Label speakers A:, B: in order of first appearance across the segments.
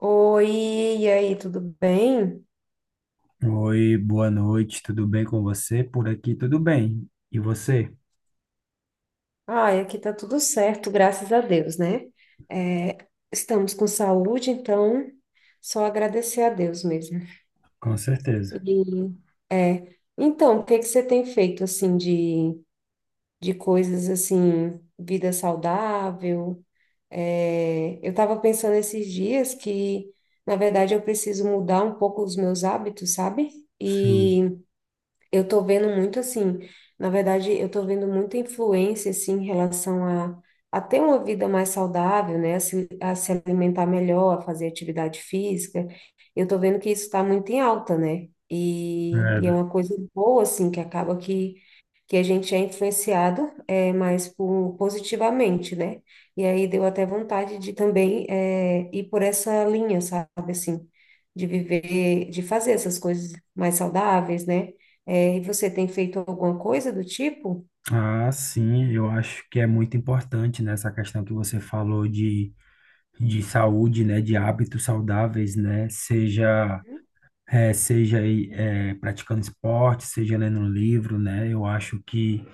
A: Oi, e aí, tudo bem?
B: Oi, boa noite, tudo bem com você? Por aqui tudo bem. E você?
A: Ai, aqui tá tudo certo, graças a Deus, né? É, estamos com saúde, então só agradecer a Deus mesmo.
B: Com certeza.
A: E, é, então, o que que você tem feito, assim, de coisas, assim, vida saudável? É, eu estava pensando esses dias que, na verdade, eu preciso mudar um pouco os meus hábitos, sabe?
B: Sim.
A: E eu tô vendo muito assim, na verdade, eu tô vendo muita influência assim em relação a ter uma vida mais saudável, né? A se alimentar melhor, a fazer atividade física. Eu tô vendo que isso está muito em alta, né? E é
B: É.
A: uma coisa boa, assim, que acaba que a gente é influenciado mais por, positivamente, né? E aí deu até vontade de também ir por essa linha, sabe, assim, de viver, de fazer essas coisas mais saudáveis, né? É, e você tem feito alguma coisa do tipo?
B: Ah, sim, eu acho que é muito importante nessa questão que você falou de saúde, né, de hábitos saudáveis, né, seja aí, praticando esporte, seja lendo um livro, né, eu acho que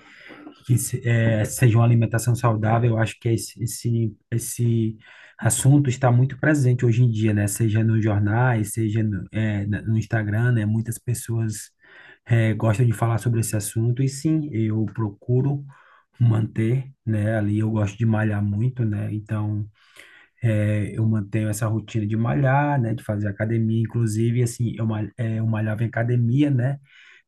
B: que seja uma alimentação saudável, eu acho que esse assunto está muito presente hoje em dia, né? Seja nos jornais, seja no Instagram, né? Muitas pessoas gostam de falar sobre esse assunto, e sim, eu procuro manter, né? Ali eu gosto de malhar muito, né? Então, eu mantenho essa rotina de malhar, né, de fazer academia, inclusive, assim, eu malhava em academia, né,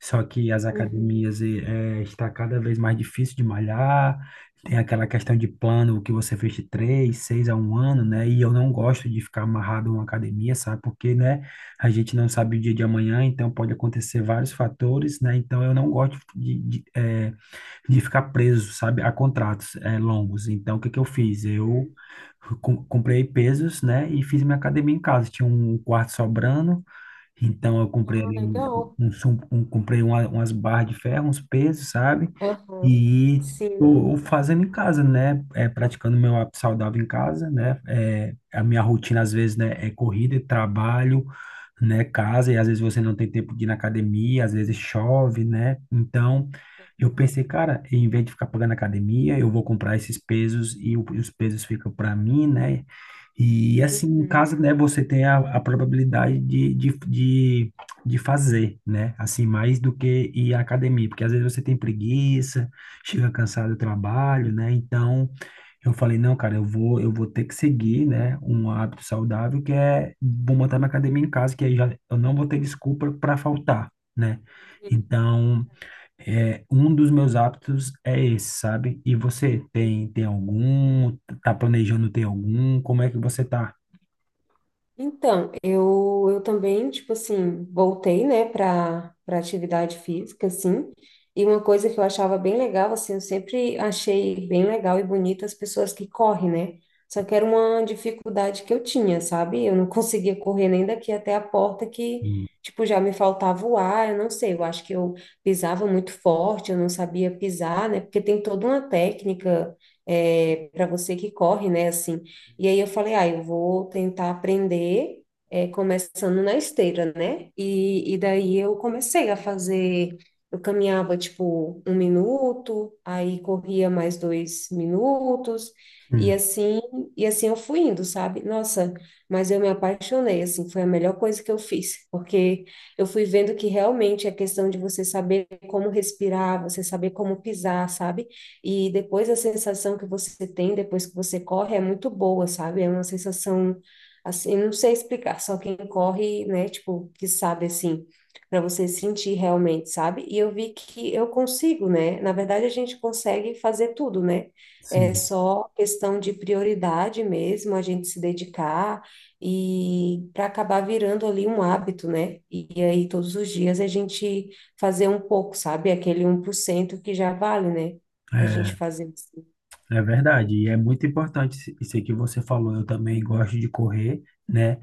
B: só que as
A: Uhum,
B: academias está cada vez mais difícil de malhar, tem aquela questão de plano que você fez de três, seis a um ano, né, e eu não gosto de ficar amarrado a uma academia, sabe, porque, né, a gente não sabe o dia de amanhã, então pode acontecer vários fatores, né, então eu não gosto de ficar preso, sabe, a contratos longos. Então, o que que eu fiz? Eu
A: uhum.
B: comprei pesos, né, e fiz minha academia em casa. Tinha um quarto sobrando, então eu comprei
A: Ah,
B: ali um,
A: legal.
B: um, sum- um- comprei uma, umas barras de ferro, uns pesos, sabe?
A: Aham.
B: E
A: Sim.
B: tô fazendo em casa, né? É, praticando meu hábito saudável em casa, né? É, a minha rotina, às vezes, né, é corrida, é trabalho, né? Casa, e às vezes você não tem tempo de ir na academia, às vezes chove, né? Então,
A: É
B: eu
A: verdade.
B: pensei, cara, em vez de ficar pagando academia, eu vou comprar esses pesos e os pesos ficam para mim, né? E assim, em
A: Uhum.
B: casa, né, você tem a probabilidade de fazer, né? Assim, mais do que ir à academia, porque às vezes você tem preguiça, chega cansado do trabalho, né? Então, eu falei, não, cara, eu vou ter que seguir, né, um hábito saudável que é vou montar minha academia em casa, que aí já, eu não vou ter desculpa para faltar, né?
A: Sim.
B: Então, um dos meus hábitos é esse, sabe? E você tem algum? Tá planejando ter algum? Como é que você tá?
A: Então, eu também, tipo assim, voltei, né, para atividade física, assim, e uma coisa que eu achava bem legal, assim, eu sempre achei bem legal e bonito as pessoas que correm, né? Só que era uma dificuldade que eu tinha, sabe? Eu não conseguia correr nem daqui até a porta que,
B: Sim,
A: tipo, já me faltava o ar, eu não sei, eu acho que eu pisava muito forte, eu não sabia pisar, né? Porque tem toda uma técnica, é, para você que corre, né, assim. E aí eu falei, ah, eu vou tentar aprender, é, começando na esteira, né? E daí eu comecei a fazer, eu caminhava tipo 1 minuto, aí corria mais 2 minutos, e
B: sim.
A: assim, e assim eu fui indo, sabe? Nossa, mas eu me apaixonei, assim, foi a melhor coisa que eu fiz, porque eu fui vendo que realmente é questão de você saber como respirar, você saber como pisar, sabe? E depois a sensação que você tem depois que você corre é muito boa, sabe? É uma sensação assim, não sei explicar, só quem corre, né, tipo, que sabe assim, para você sentir realmente, sabe? E eu vi que eu consigo, né? Na verdade, a gente consegue fazer tudo, né? É
B: Sim.
A: só questão de prioridade mesmo, a gente se dedicar e para acabar virando ali um hábito, né? E aí todos os dias a gente fazer um pouco, sabe? Aquele 1% que já vale, né? Da gente
B: É.
A: fazer assim.
B: É verdade, e é muito importante isso que você falou. Eu também gosto de correr, né?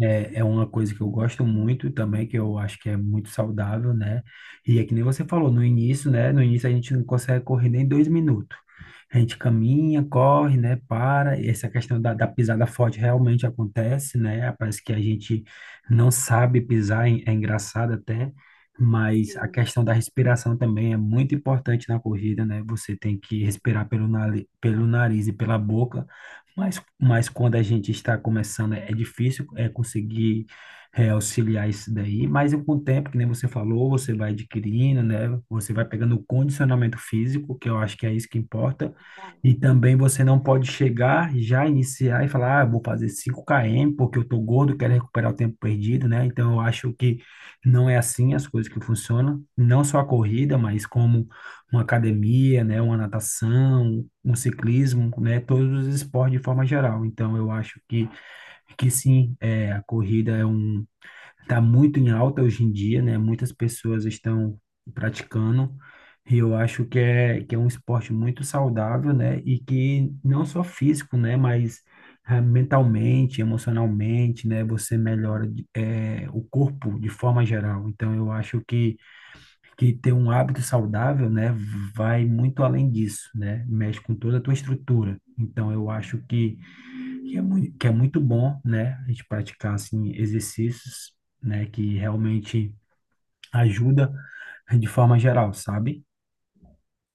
B: É, é uma coisa que eu gosto muito também, que eu acho que é muito saudável, né? E é que nem você falou no início, né? No início a gente não consegue correr nem 2 minutos. A gente caminha, corre, né? Para. E essa questão da pisada forte realmente acontece, né? Parece que a gente não sabe pisar, é engraçado até. Mas a
A: sim.
B: questão da respiração também é muito importante na corrida, né? Você tem que respirar pelo nariz e pela boca, mas quando a gente está começando é difícil é conseguir auxiliar isso daí, mas com o tempo, que nem você falou, você vai adquirindo, né? Você vai pegando o condicionamento físico, que eu acho que é isso que importa, e também você não
A: Uhum.
B: pode chegar, já iniciar e falar, ah, eu vou fazer 5 km porque eu tô gordo, quero recuperar o tempo perdido, né? Então eu acho que não é assim as coisas que funcionam, não só a corrida, mas como uma academia, né, uma natação, um ciclismo, né, todos os esportes de forma geral. Então, eu acho que sim, é, a corrida é um. Está muito em alta hoje em dia, né? Muitas pessoas estão praticando. E eu acho que que é um esporte muito saudável, né? E que não só físico, né? Mas mentalmente, emocionalmente, né? Você melhora o corpo de forma geral. Então, eu acho que ter um hábito saudável, né? Vai muito além disso, né? Mexe com toda a tua estrutura. Então, eu acho que é muito bom, né? A gente praticar assim exercícios, né, que realmente ajuda de forma geral, sabe?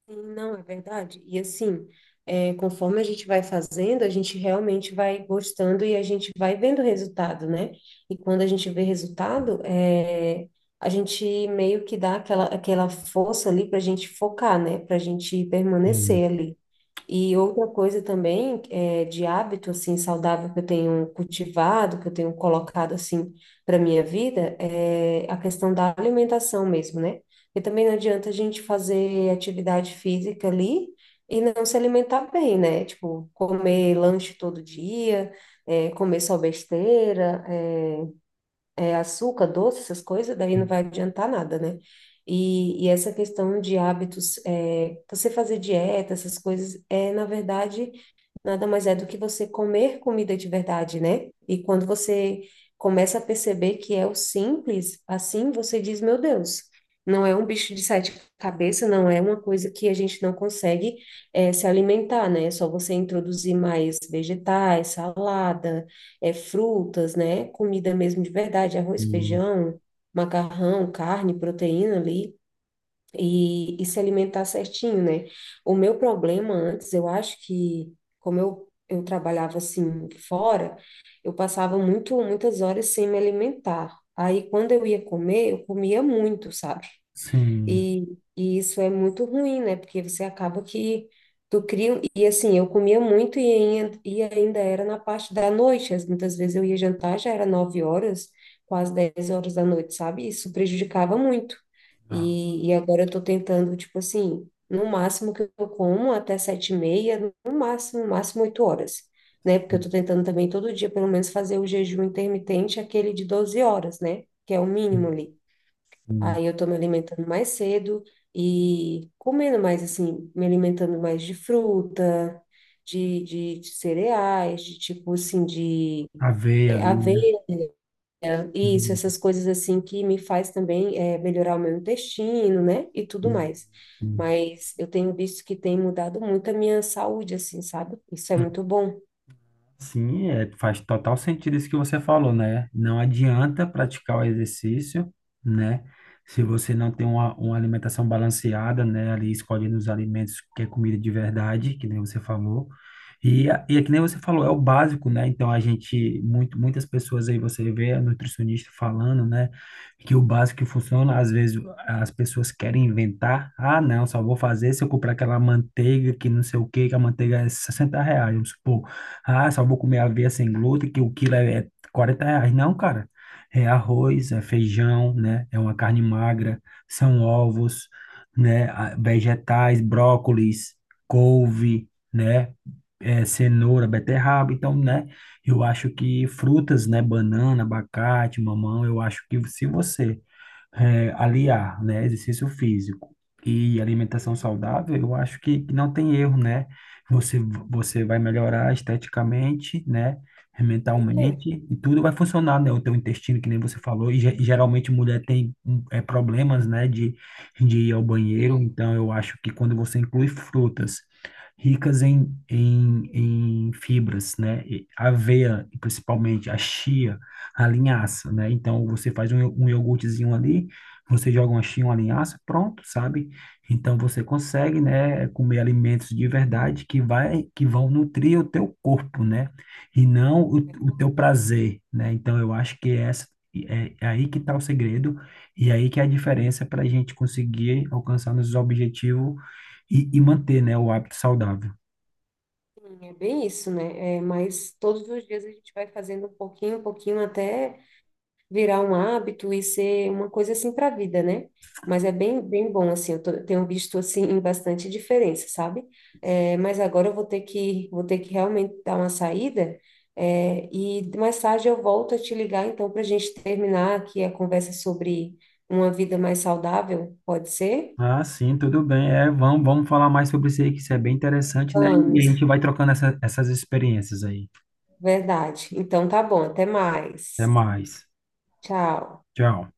A: Sim, não, é verdade. E assim, é, conforme a gente vai fazendo, a gente realmente vai gostando e a gente vai vendo resultado, né? E quando a gente vê resultado, é, a gente meio que dá aquela, aquela força ali para a gente focar, né? Para a gente
B: E,
A: permanecer ali. E outra coisa também é, de hábito assim saudável que eu tenho cultivado, que eu tenho colocado assim para minha vida é a questão da alimentação mesmo, né? Porque também não adianta a gente fazer atividade física ali e não se alimentar bem, né? Tipo, comer lanche todo dia, é, comer só besteira, é, é, açúcar, doce, essas coisas, daí não vai adiantar nada, né? E essa questão de hábitos, é, você fazer dieta, essas coisas, é, na verdade, nada mais é do que você comer comida de verdade, né? E quando você começa a perceber que é o simples, assim você diz, meu Deus, não é um bicho de sete cabeças, não é uma coisa que a gente não consegue se alimentar, né? É só você introduzir mais vegetais, salada, é, frutas, né? Comida mesmo de verdade,
B: e
A: arroz, feijão, macarrão, carne, proteína ali, e se alimentar certinho, né? O meu problema antes, eu acho que, como eu trabalhava assim fora, eu passava muito, muitas horas sem me alimentar. Aí, quando eu ia comer, eu comia muito, sabe?
B: sim,
A: E isso é muito ruim, né? Porque você acaba que tu cria. E assim, eu comia muito e ainda era na parte da noite. Muitas vezes eu ia jantar, já era 9 horas, quase 10 horas da noite, sabe? Isso prejudicava muito.
B: a,
A: E agora eu tô tentando, tipo assim, no máximo que eu como até 7h30, no máximo 8 horas. Né? Porque eu tô tentando também todo dia, pelo menos, fazer o jejum intermitente, aquele de 12 horas, né? Que é o mínimo ali.
B: sim,
A: Aí eu estou me alimentando mais cedo e comendo mais, assim, me alimentando mais de fruta, de cereais, de tipo assim, de
B: a veia ali, né?
A: aveia, isso, essas coisas assim que me faz também é, melhorar o meu intestino, né? E tudo
B: Sim,
A: mais.
B: sim.
A: Mas eu tenho visto que tem mudado muito a minha saúde, assim, sabe? Isso é muito bom.
B: Sim, faz total sentido isso que você falou, né? Não adianta praticar o exercício, né? Se você não tem uma alimentação balanceada, né? Ali escolhendo os alimentos que é comida de verdade, que nem você falou. E é que nem você falou, é o básico, né? Então muitas pessoas aí você vê a nutricionista falando, né? Que o básico que funciona, às vezes as pessoas querem inventar. Ah, não, só vou fazer se eu comprar aquela manteiga que não sei o quê, que a manteiga é R$ 60, vamos supor. Ah, só vou comer aveia sem glúten, que o quilo é R$ 40. Não, cara. É arroz, é feijão, né? É uma carne magra, são ovos, né? Ah, vegetais, brócolis, couve, né? É, cenoura, beterraba. Então, né? Eu acho que frutas, né? Banana, abacate, mamão. Eu acho que se você aliar, né, exercício físico e alimentação
A: Uhum,
B: saudável, eu acho que não tem erro, né? Você, você vai melhorar esteticamente, né?
A: certeza.
B: Mentalmente, e tudo vai funcionar, né? O teu intestino, que nem você falou, e, geralmente mulher tem problemas, né, de ir ao banheiro,
A: É,
B: então eu acho que quando você inclui frutas ricas em fibras, né? E aveia, e principalmente a chia, a linhaça, né? Então, você faz um iogurtezinho ali, você joga uma chia, uma linhaça, pronto, sabe? Então, você
A: sim,
B: consegue, né, comer alimentos de verdade que vão nutrir o teu corpo, né? E não o
A: verdade.
B: teu prazer, né? Então, eu acho que é essa. É aí que está o segredo e aí que é a diferença para a gente conseguir alcançar nossos objetivos e, manter, né, o hábito saudável.
A: É bem isso, né? É, mas todos os dias a gente vai fazendo um pouquinho até virar um hábito e ser uma coisa assim para a vida, né? Mas é bem, bem bom, assim, eu tenho visto, assim, bastante diferença, sabe? É, mas agora eu vou ter que realmente dar uma saída, é, e mais tarde eu volto a te ligar, então, para a gente terminar aqui a conversa sobre uma vida mais saudável, pode ser?
B: Ah, sim, tudo bem. É, vamos falar mais sobre isso aí, que isso é bem interessante, né? E a
A: Vamos,
B: gente vai trocando essas experiências aí.
A: verdade. Então tá bom, até
B: Até
A: mais.
B: mais.
A: Tchau.
B: Tchau.